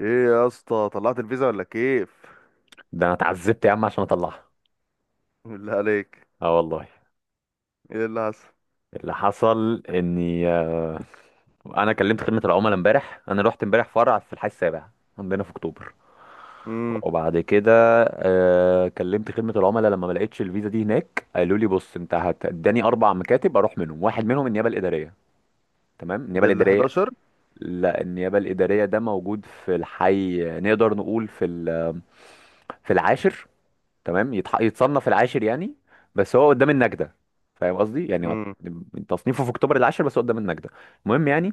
ايه يا اسطى طلعت الفيزا ولا كيف؟ ده انا اتعذبت يا عم عشان اطلعها. بالله عليك. اه والله. ايه اللي حصل؟ اللي حصل اني انا كلمت خدمه العملاء امبارح، انا رحت امبارح فرع في الحي السابع عندنا في اكتوبر. امم. وبعد كده كلمت خدمه العملاء لما ما لقيتش الفيزا دي هناك. قالوا لي: بص انت هتداني اربع مكاتب اروح منهم، واحد منهم النيابه الاداريه. تمام، النيابه ده ال الاداريه. 11. لا، النيابه الاداريه ده موجود في الحي، نقدر نقول في في العاشر. تمام، يتصنف العاشر يعني، بس هو قدام النجدة. فاهم قصدي يعني هو امم. تصنيفه في اكتوبر العاشر بس هو قدام النجدة. المهم يعني،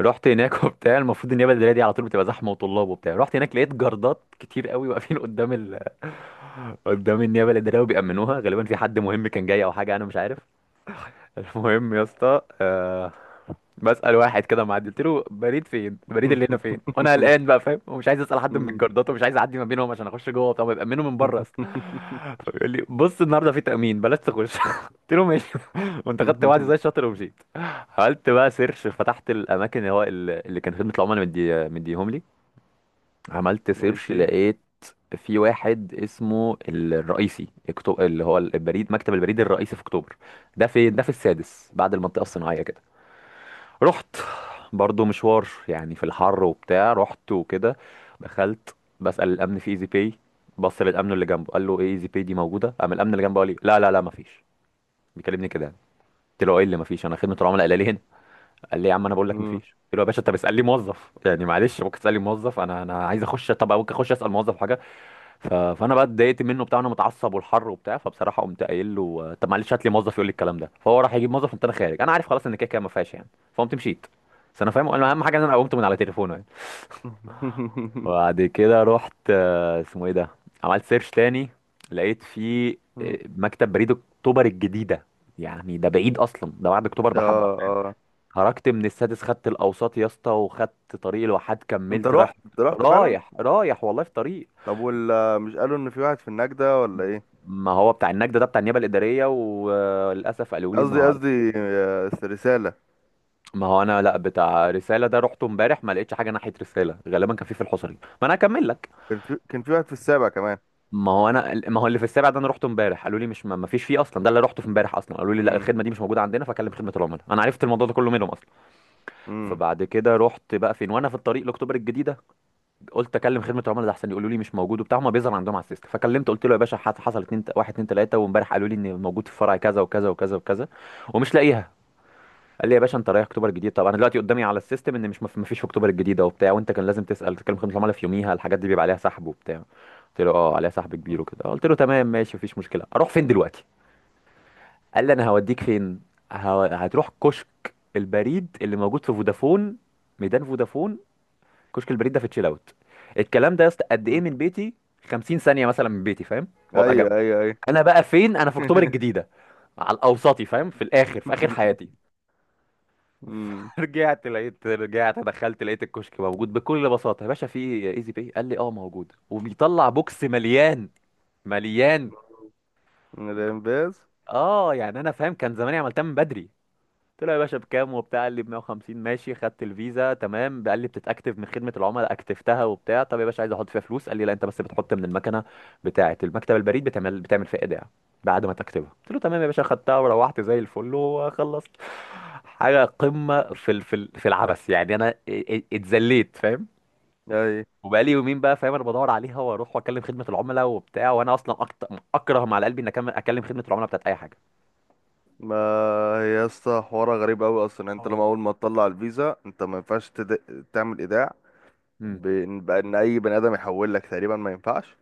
رحت هناك وبتاع. المفروض النيابة الإدارية دي على طول بتبقى زحمة وطلاب وبتاع. رحت هناك لقيت جردات كتير قوي واقفين قدام قدام النيابة الإدارية، وبيأمنوها غالبا، في حد مهم كان جاي أو حاجة أنا مش عارف. المهم يا اسطى، بسأل واحد كده معدي قلت له: بريد فين؟ البريد اللي هنا فين؟ وانا قلقان بقى فاهم، ومش عايز اسال حد من أمم. الجردات ومش عايز اعدي ما بينهم عشان اخش جوه. طب يأمنوا من بره يا اسطى. فبيقول لي: بص النهارده في تأمين بلاش تخش. قلت له ماشي. وانت خدت وعدي زي الشاطر ومشيت. عملت بقى سيرش، فتحت الاماكن اللي هو اللي كان خدمه العملاء مديهم لي. عملت سيرش ماشي. لقيت في واحد اسمه الرئيسي، اللي هو البريد، مكتب البريد الرئيسي في اكتوبر. ده في ده في السادس بعد المنطقة الصناعية كده. رحت برضو مشوار يعني، في الحر وبتاع. رحت وكده، دخلت بسأل الأمن في ايزي باي. بص للأمن اللي جنبه قال له: ايه ايزي باي دي موجودة؟ قام الأمن اللي جنبه قال لي: لا لا لا مفيش. بيكلمني كده يعني. قلت له: ايه اللي مفيش؟ انا خدمة العملاء قال لي هنا. قال لي: يا عم انا بقول لك امم. مفيش. قلت له: يا باشا انت بتسألني موظف؟ يعني معلش ممكن تسألني موظف، انا عايز اخش. طب ممكن اخش اسأل موظف حاجة؟ فانا بقى اتضايقت منه بتاع، انا متعصب والحر وبتاع. فبصراحه قمت قايل له: طب معلش هات لي موظف يقول لي الكلام ده. فهو راح يجيب موظف، قمت انا خارج. انا عارف خلاص ان كده كده ما فيهاش يعني. فقمت مشيت. بس انا فاهم اهم حاجه ان انا قمت من على تليفونه يعني. وبعد كده رحت، اسمه ايه ده، عملت سيرش تاني لقيت فيه مكتب بريد اكتوبر الجديده. يعني ده بعيد اصلا، ده بعد اكتوبر اه بحبه. اه. خرجت من السادس، خدت الاوساط يا اسطى وخدت طريق الواحات، انت كملت رحت رايح، انت رحت فعلا. رايح رايح والله في طريق. طب ولا مش قالوا ان في واحد في النجدة ولا ايه؟ ما هو بتاع النجدة ده بتاع النيابة الإدارية، وللأسف قالوا لي قصدي النهاردة. قصدي رسالة. ما هو أنا لا بتاع رسالة، ده رحته امبارح ما لقيتش حاجة ناحية رسالة، غالبا كان في الحصري. ما أنا هكمل لك. كان في واحد في السابع كمان. ما هو أنا، ما هو اللي في السابع ده أنا رحته امبارح، قالوا لي مش ما فيش فيه أصلا، ده اللي رحته في امبارح أصلا. قالوا لي: لا الخدمة دي امم. مش موجودة عندنا، فكلم خدمة العملاء. أنا عرفت الموضوع ده كله منهم أصلا. امم. فبعد كده رحت بقى فين، وأنا في الطريق لأكتوبر الجديدة قلت أكلم خدمة العملاء ده أحسن، يقولوا لي مش موجود وبتاع، هما بيظهر عندهم على السيستم. فكلمت قلت له: يا باشا حصل اتنين، واحد اتنين تلاتة، وامبارح قالوا لي إن موجود في فرع كذا وكذا وكذا وكذا، ومش لاقيها. قال لي: يا باشا انت رايح اكتوبر الجديد؟ طب انا دلوقتي قدامي على السيستم ان مش مفيش في اكتوبر الجديده وبتاع، وانت كان لازم تسال تكلم خدمه العملاء في يوميها، الحاجات دي بيبقى عليها سحب وبتاع. قلت له: اه عليها سحب كبير وكده. قلت له: تمام ماشي مفيش مشكله، اروح فين دلوقتي؟ قال لي: انا هوديك فين، هتروح كشك البريد اللي موجود في فودافون، ميدان فودافون، كشك البريد ده في تشيل اوت. الكلام ده يا اسطى قد ايه من بيتي؟ 50 ثانيه مثلا من بيتي، فاهم، وابقى جنبه. ايوه ايوه ايوه. انا بقى فين؟ انا في اكتوبر الجديده على الاوسطي، فاهم، في الاخر في اخر حياتي. مم. رجعت لقيت، رجعت دخلت لقيت الكشك موجود بكل بساطه. يا باشا في ايزي باي؟ قال لي اه موجود، وبيطلع بوكس مليان، مليان. من الانباز. اه يعني انا فاهم كان زماني عملتها من بدري. قلت له: يا باشا بكام وبتاع؟ قال لي ب 150. ماشي، خدت الفيزا تمام. قال لي: بتتاكتف من خدمه العملاء. اكتفتها وبتاع. طب يا باشا عايز احط فيها فلوس. قال لي: لا انت بس بتحط من المكنه بتاعه المكتب البريد، بتعمل بتعمل فيها ايداع بعد ما تكتبها. قلت له: تمام يا باشا. خدتها وروحت زي الفل وخلصت. حاجه قمه في في العبث يعني. انا اتذليت فاهم. اي. وبقالي يومين بقى فاهم انا بدور عليها، واروح واكلم خدمه العملاء وبتاع، وانا اصلا اكره ما على قلبي ان اكلم خدمه العملاء بتاعت اي حاجه. ما هي يا اسطى حوارها غريب قوي اصلا، يعني اه انت لما والله. اول ما تطلع الفيزا انت ما ينفعش تعمل ايداع. امم. بأن اي بني ادم يحول لك تقريبا ما ينفعش.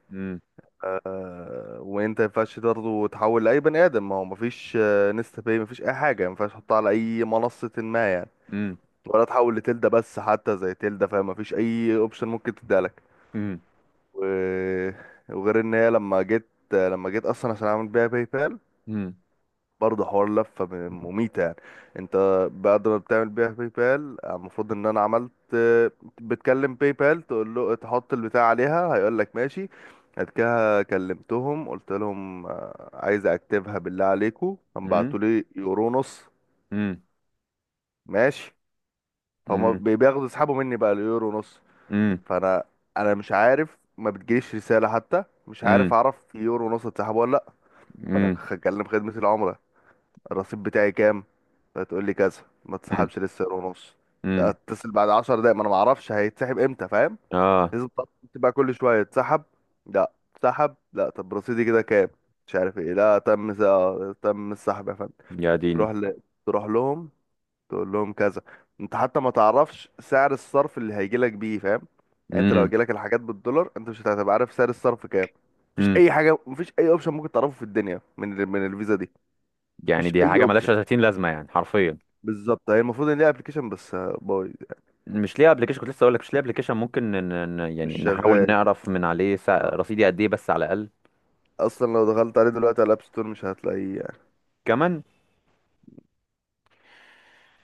وانت ما ينفعش برضه تحول لاي بني ادم، ما هو ما فيش نستا باي، ما فيش اي حاجه، ما ينفعش تحطها على اي منصه ما، يعني امم. ولا تحول لتلدا. بس حتى زي تلدا فاهم، ما فيش اي اوبشن ممكن تديها لك. امم. و... وغير ان هي لما جيت، اصلا عشان اعمل بيها باي بال، امم. برضه حوار لفة مميتة يعني. انت بعد ما بتعمل بيها باي بال المفروض ان انا عملت. بتكلم باي بال تقول له تحط البتاع عليها هيقول لك ماشي. بعد كده كلمتهم قلت لهم عايز اكتبها، بالله عليكم امم. بعتوا لي يورو نص. امم. ماشي. فهم امم. بياخدوا يسحبوا مني بقى اليورو نص. امم. فانا، انا مش عارف، ما بتجيليش رسالة حتى، مش عارف امم. اعرف يورو نص اتسحبوا ولا لا. فانا امم. هكلم خدمة العملاء، الرصيد بتاعي كام؟ فتقول لي كذا، ما تسحبش لسه سعر ونص، امم. اتصل بعد 10 دقايق، ما انا ما اعرفش هيتسحب امتى فاهم. اه. لازم تقعد، تبقى كل شويه تسحب، لا، تسحب لا، طب رصيدي كده كام؟ مش عارف ايه، لا تم تم السحب يا فندم. يا ديني. تروح ل... تروح لهم، تقول لهم كذا. انت حتى ما تعرفش سعر الصرف اللي هيجي لك بيه فاهم، يعني انت لو امم. هيجي لك الحاجات بالدولار انت مش هتبقى عارف سعر الصرف كام. مفيش امم. اي حاجه، مفيش اي اوبشن ممكن تعرفه في الدنيا من الفيزا دي. يعني مفيش دي اي حاجه ملهاش اوبشن 30 لازمه يعني حرفيا. بالظبط. هي المفروض ان ليها ابلكيشن بس بايظ. مش ليه ابلكيشن؟ كنت لسه اقول لك مش ليه ابلكيشن، ممكن يعني مش نحاول شغال. نعرف من عليه آه. رصيدي قد ايه بس على الاقل. اصلا لو دخلت عليه دلوقتي على الاب ستور مش هتلاقيه يعني. كمان.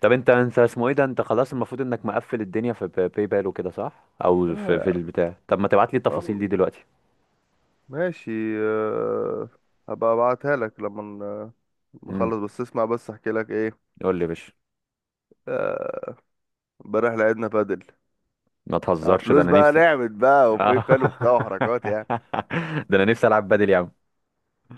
طب انت اسمه ايه ده، انت خلاص المفروض انك مقفل الدنيا في باي باي بال وكده صح، او لا في يعني. البتاع؟ طب ما تبعت لي التفاصيل اه. دي دلوقتي. ماشي. آه، هبقى ابعتها لك لما امم. نخلص. بس اسمع بس احكي لك ايه. قول لي يا باشا. آه، امبارح لعبنا بادل ما على تهزرش ده فلوس انا بقى، نفسي. نعمت بقى وفي آه. بال وبتاع وحركات يعني. ده انا نفسي العب بدل يا عم.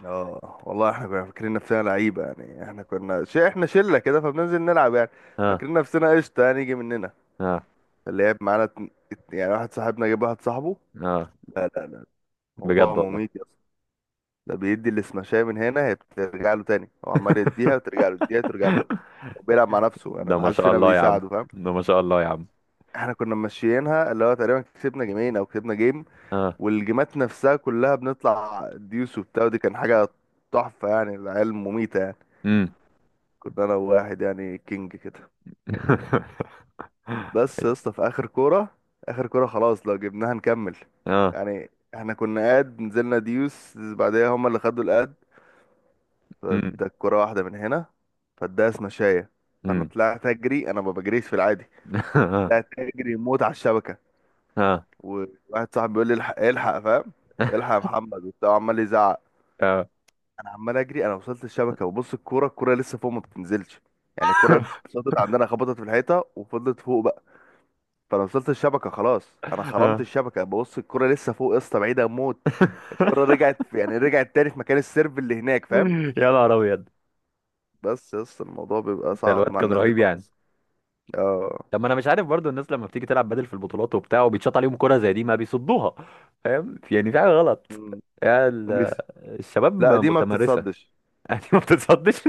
اه والله احنا كنا فاكرين نفسنا لعيبه يعني. احنا شله كده فبننزل نلعب يعني. اه فاكرين نفسنا قشطه يعني يجي مننا. اه اللي لعب معانا يعني واحد صاحبنا جاب واحد صاحبه. اه. لا لا لا. موضوع بجد والله. مميت يا اسطى. ده بيدي السماشية من هنا، هي بترجع له تاني، هو عمال يديها وترجع له، يديها وترجع له، وبيلعب مع نفسه يعني، ده ما ما حدش شاء فينا الله يا عم. بيساعده فاهم. ده ما شاء الله يا عم. احنا كنا ماشيينها اللي هو تقريبا كسبنا جيمين او كسبنا جيم، اه. والجيمات نفسها كلها بنطلع ديوس وبتاع، ودي كان حاجة تحفة يعني، العيال مميتة يعني. امم. كنا انا وواحد يعني كينج كده. بس يا اسطى في اخر كورة، اخر كورة خلاص لو جبناها نكمل، اه. يعني احنا كنا قاد، نزلنا ديوس بعدها هما اللي خدوا القاد، امم. فاداك كرة واحدة من هنا فاداها سمشاية. فانا امم. طلعت اجري، انا ما بجريش في العادي، طلعت اجري موت على الشبكة، اه. اه. وواحد صاحبي بيقول لي الحق الحق فاهم، الحق يا محمد وبتاع، عمال يزعق. اه. انا عمال اجري، انا وصلت الشبكة وبص، الكورة الكورة لسه فوق ما بتنزلش يعني. الكورة اتشاطت عندنا خبطت في الحيطة وفضلت فوق بقى. فانا وصلت الشبكة خلاص، انا خرمت آه. الشبكة ببص الكورة لسه فوق يا اسطى، بعيدة موت. الكرة رجعت يعني رجعت تاني في مكان السيرف اللي هناك فاهم. يا نهار ابيض. بس يس الموضوع بيبقى ده صعب الواد مع كان الناس دي رهيب يعني. خالص. اه. طب ما انا مش عارف برضو الناس لما بتيجي تلعب بدل في البطولات وبتاع وبيتشاط عليهم كرة زي دي ما بيصدوها؟ فاهم يعني في حاجة غلط، مم. يعني بس. الشباب لا دي ما متمرسة. بتتصدش. يعني ما بتتصدش.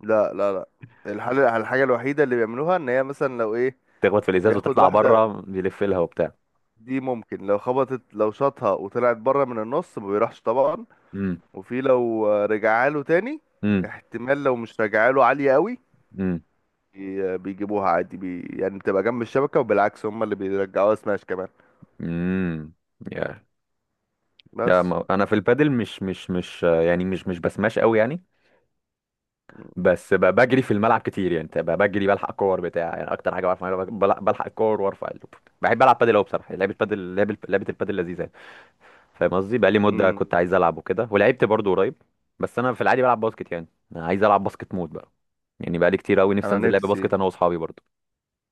لا لا لا. الحل، الحاجة الوحيدة اللي بيعملوها، ان هي مثلا لو ايه تخبط في الازاز بياخد وتطلع واحدة، بره بيلف لها وبتاع. دي ممكن لو خبطت، لو شاطها وطلعت بره من النص ما بيروحش طبعا، امم. وفي لو رجعها له تاني امم. احتمال لو مش رجعها له عالية قوي. امم. بيجيبوها عادي بي يعني، بتبقى جنب الشبكة، وبالعكس هم اللي بيرجعوها سماش كمان. امم. يا، لا، بس. ما انا في البادل مش يعني مش بسماش قوي يعني. بس بجري في الملعب كتير يعني، بتبقى بجري بلحق كور بتاع يعني، اكتر حاجه بعرف اعملها بلحق الكور وارفع بحب العب بادل قوي بصراحه. لعبه بادل لعبه لعبه البادل لذيذه يعني. فاهم قصدي بقالي مده مم. كنت عايز العب وكده، ولعبت برضو قريب. بس انا في العادي بلعب باسكت، يعني أنا عايز العب باسكت مود بقى. يعني بقالي كتير قوي نفسي انا انزل لعب نفسي، باسكت انا واصحابي برضو.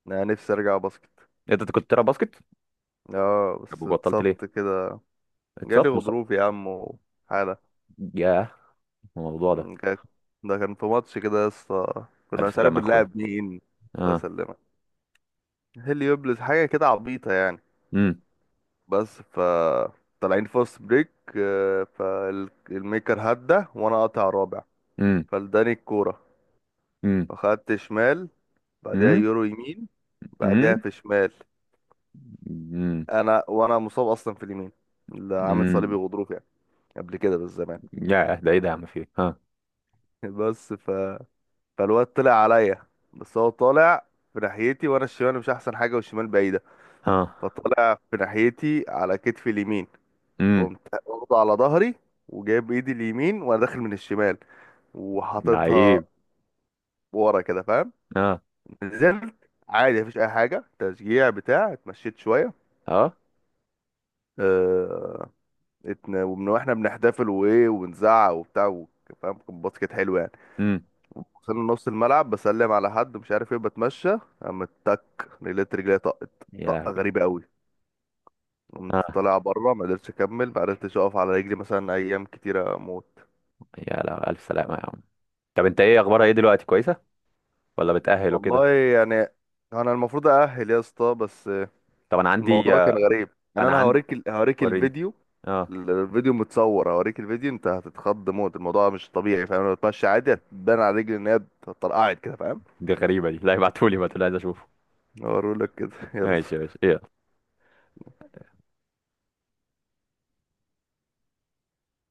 انا نفسي ارجع باسكت. انت كنت بتلعب باسكت؟ اه طب بس وبطلت ليه؟ اتصبت كده، جالي اتصبت غضروف يا عم وحالة. ياه الموضوع ده. مم، كانت- ده كان في ماتش كده يا اسطى، كنا الف مش عارف سلامه يا اخويا. بنلعب مين. الله اه. يسلمك. هيليوبلس حاجة كده عبيطة يعني. امم. بس ف طالعين فاست بريك، فالميكر هدى وانا قاطع رابع، امم. فلداني الكورة، امم. فخدت شمال، بعدها امم. يورو يمين، امم. بعدها في شمال. امم. انا مصاب اصلا في اليمين، اللي عامل صليبي امم. غضروف يعني، قبل كده بالزمان. ياه ده ايه ده يا عم فيه؟ ها. بس، فالواد طلع عليا، بس هو طالع في ناحيتي وانا الشمال مش احسن حاجه، والشمال بعيده، ها. فطالع في ناحيتي على كتفي اليمين. امم. فقمت واخده على ظهري وجايب ايدي اليمين وانا داخل من الشمال وحاططها لعيب. ورا كده فاهم. اه. نزلت عادي مفيش اي حاجه، تشجيع بتاع، اتمشيت شويه. اه. اه. ومن واحنا بنحتفل وايه ونزعق وبتاع، فاهم كان باسكت حلو يعني. امم. وصلنا نص الملعب بسلم على حد مش عارف ايه بتمشى، قامت تك لقيت رجلي طقت، يا طقة لهوي. غريبة قوي. قمت اه. طالع بره ما قدرتش اكمل، ما قدرتش اقف على رجلي مثلا ايام كتيرة اموت. يا لهوي الف سلامه يا عم. طب انت ايه اخبارها ايه دلوقتي كويسه ولا بتأهل والله وكده؟ يعني انا المفروض اأهل يا اسطى بس طب انا عندي الموضوع كان آه، غريب. يعني انا انا عندي هوريك وريني. الفيديو، اه. الفيديو متصور، هوريك الفيديو انت هتتخض موت، الموضوع مش طبيعي فاهم، لو بتمشي عادي هتبان على رجلي ان هي اتطرقعت كده فاهم. دي غريبة دي، لا ابعتولي بقى عايز اشوفه. هوريلك كده ماشي يلا. ماشي ايه.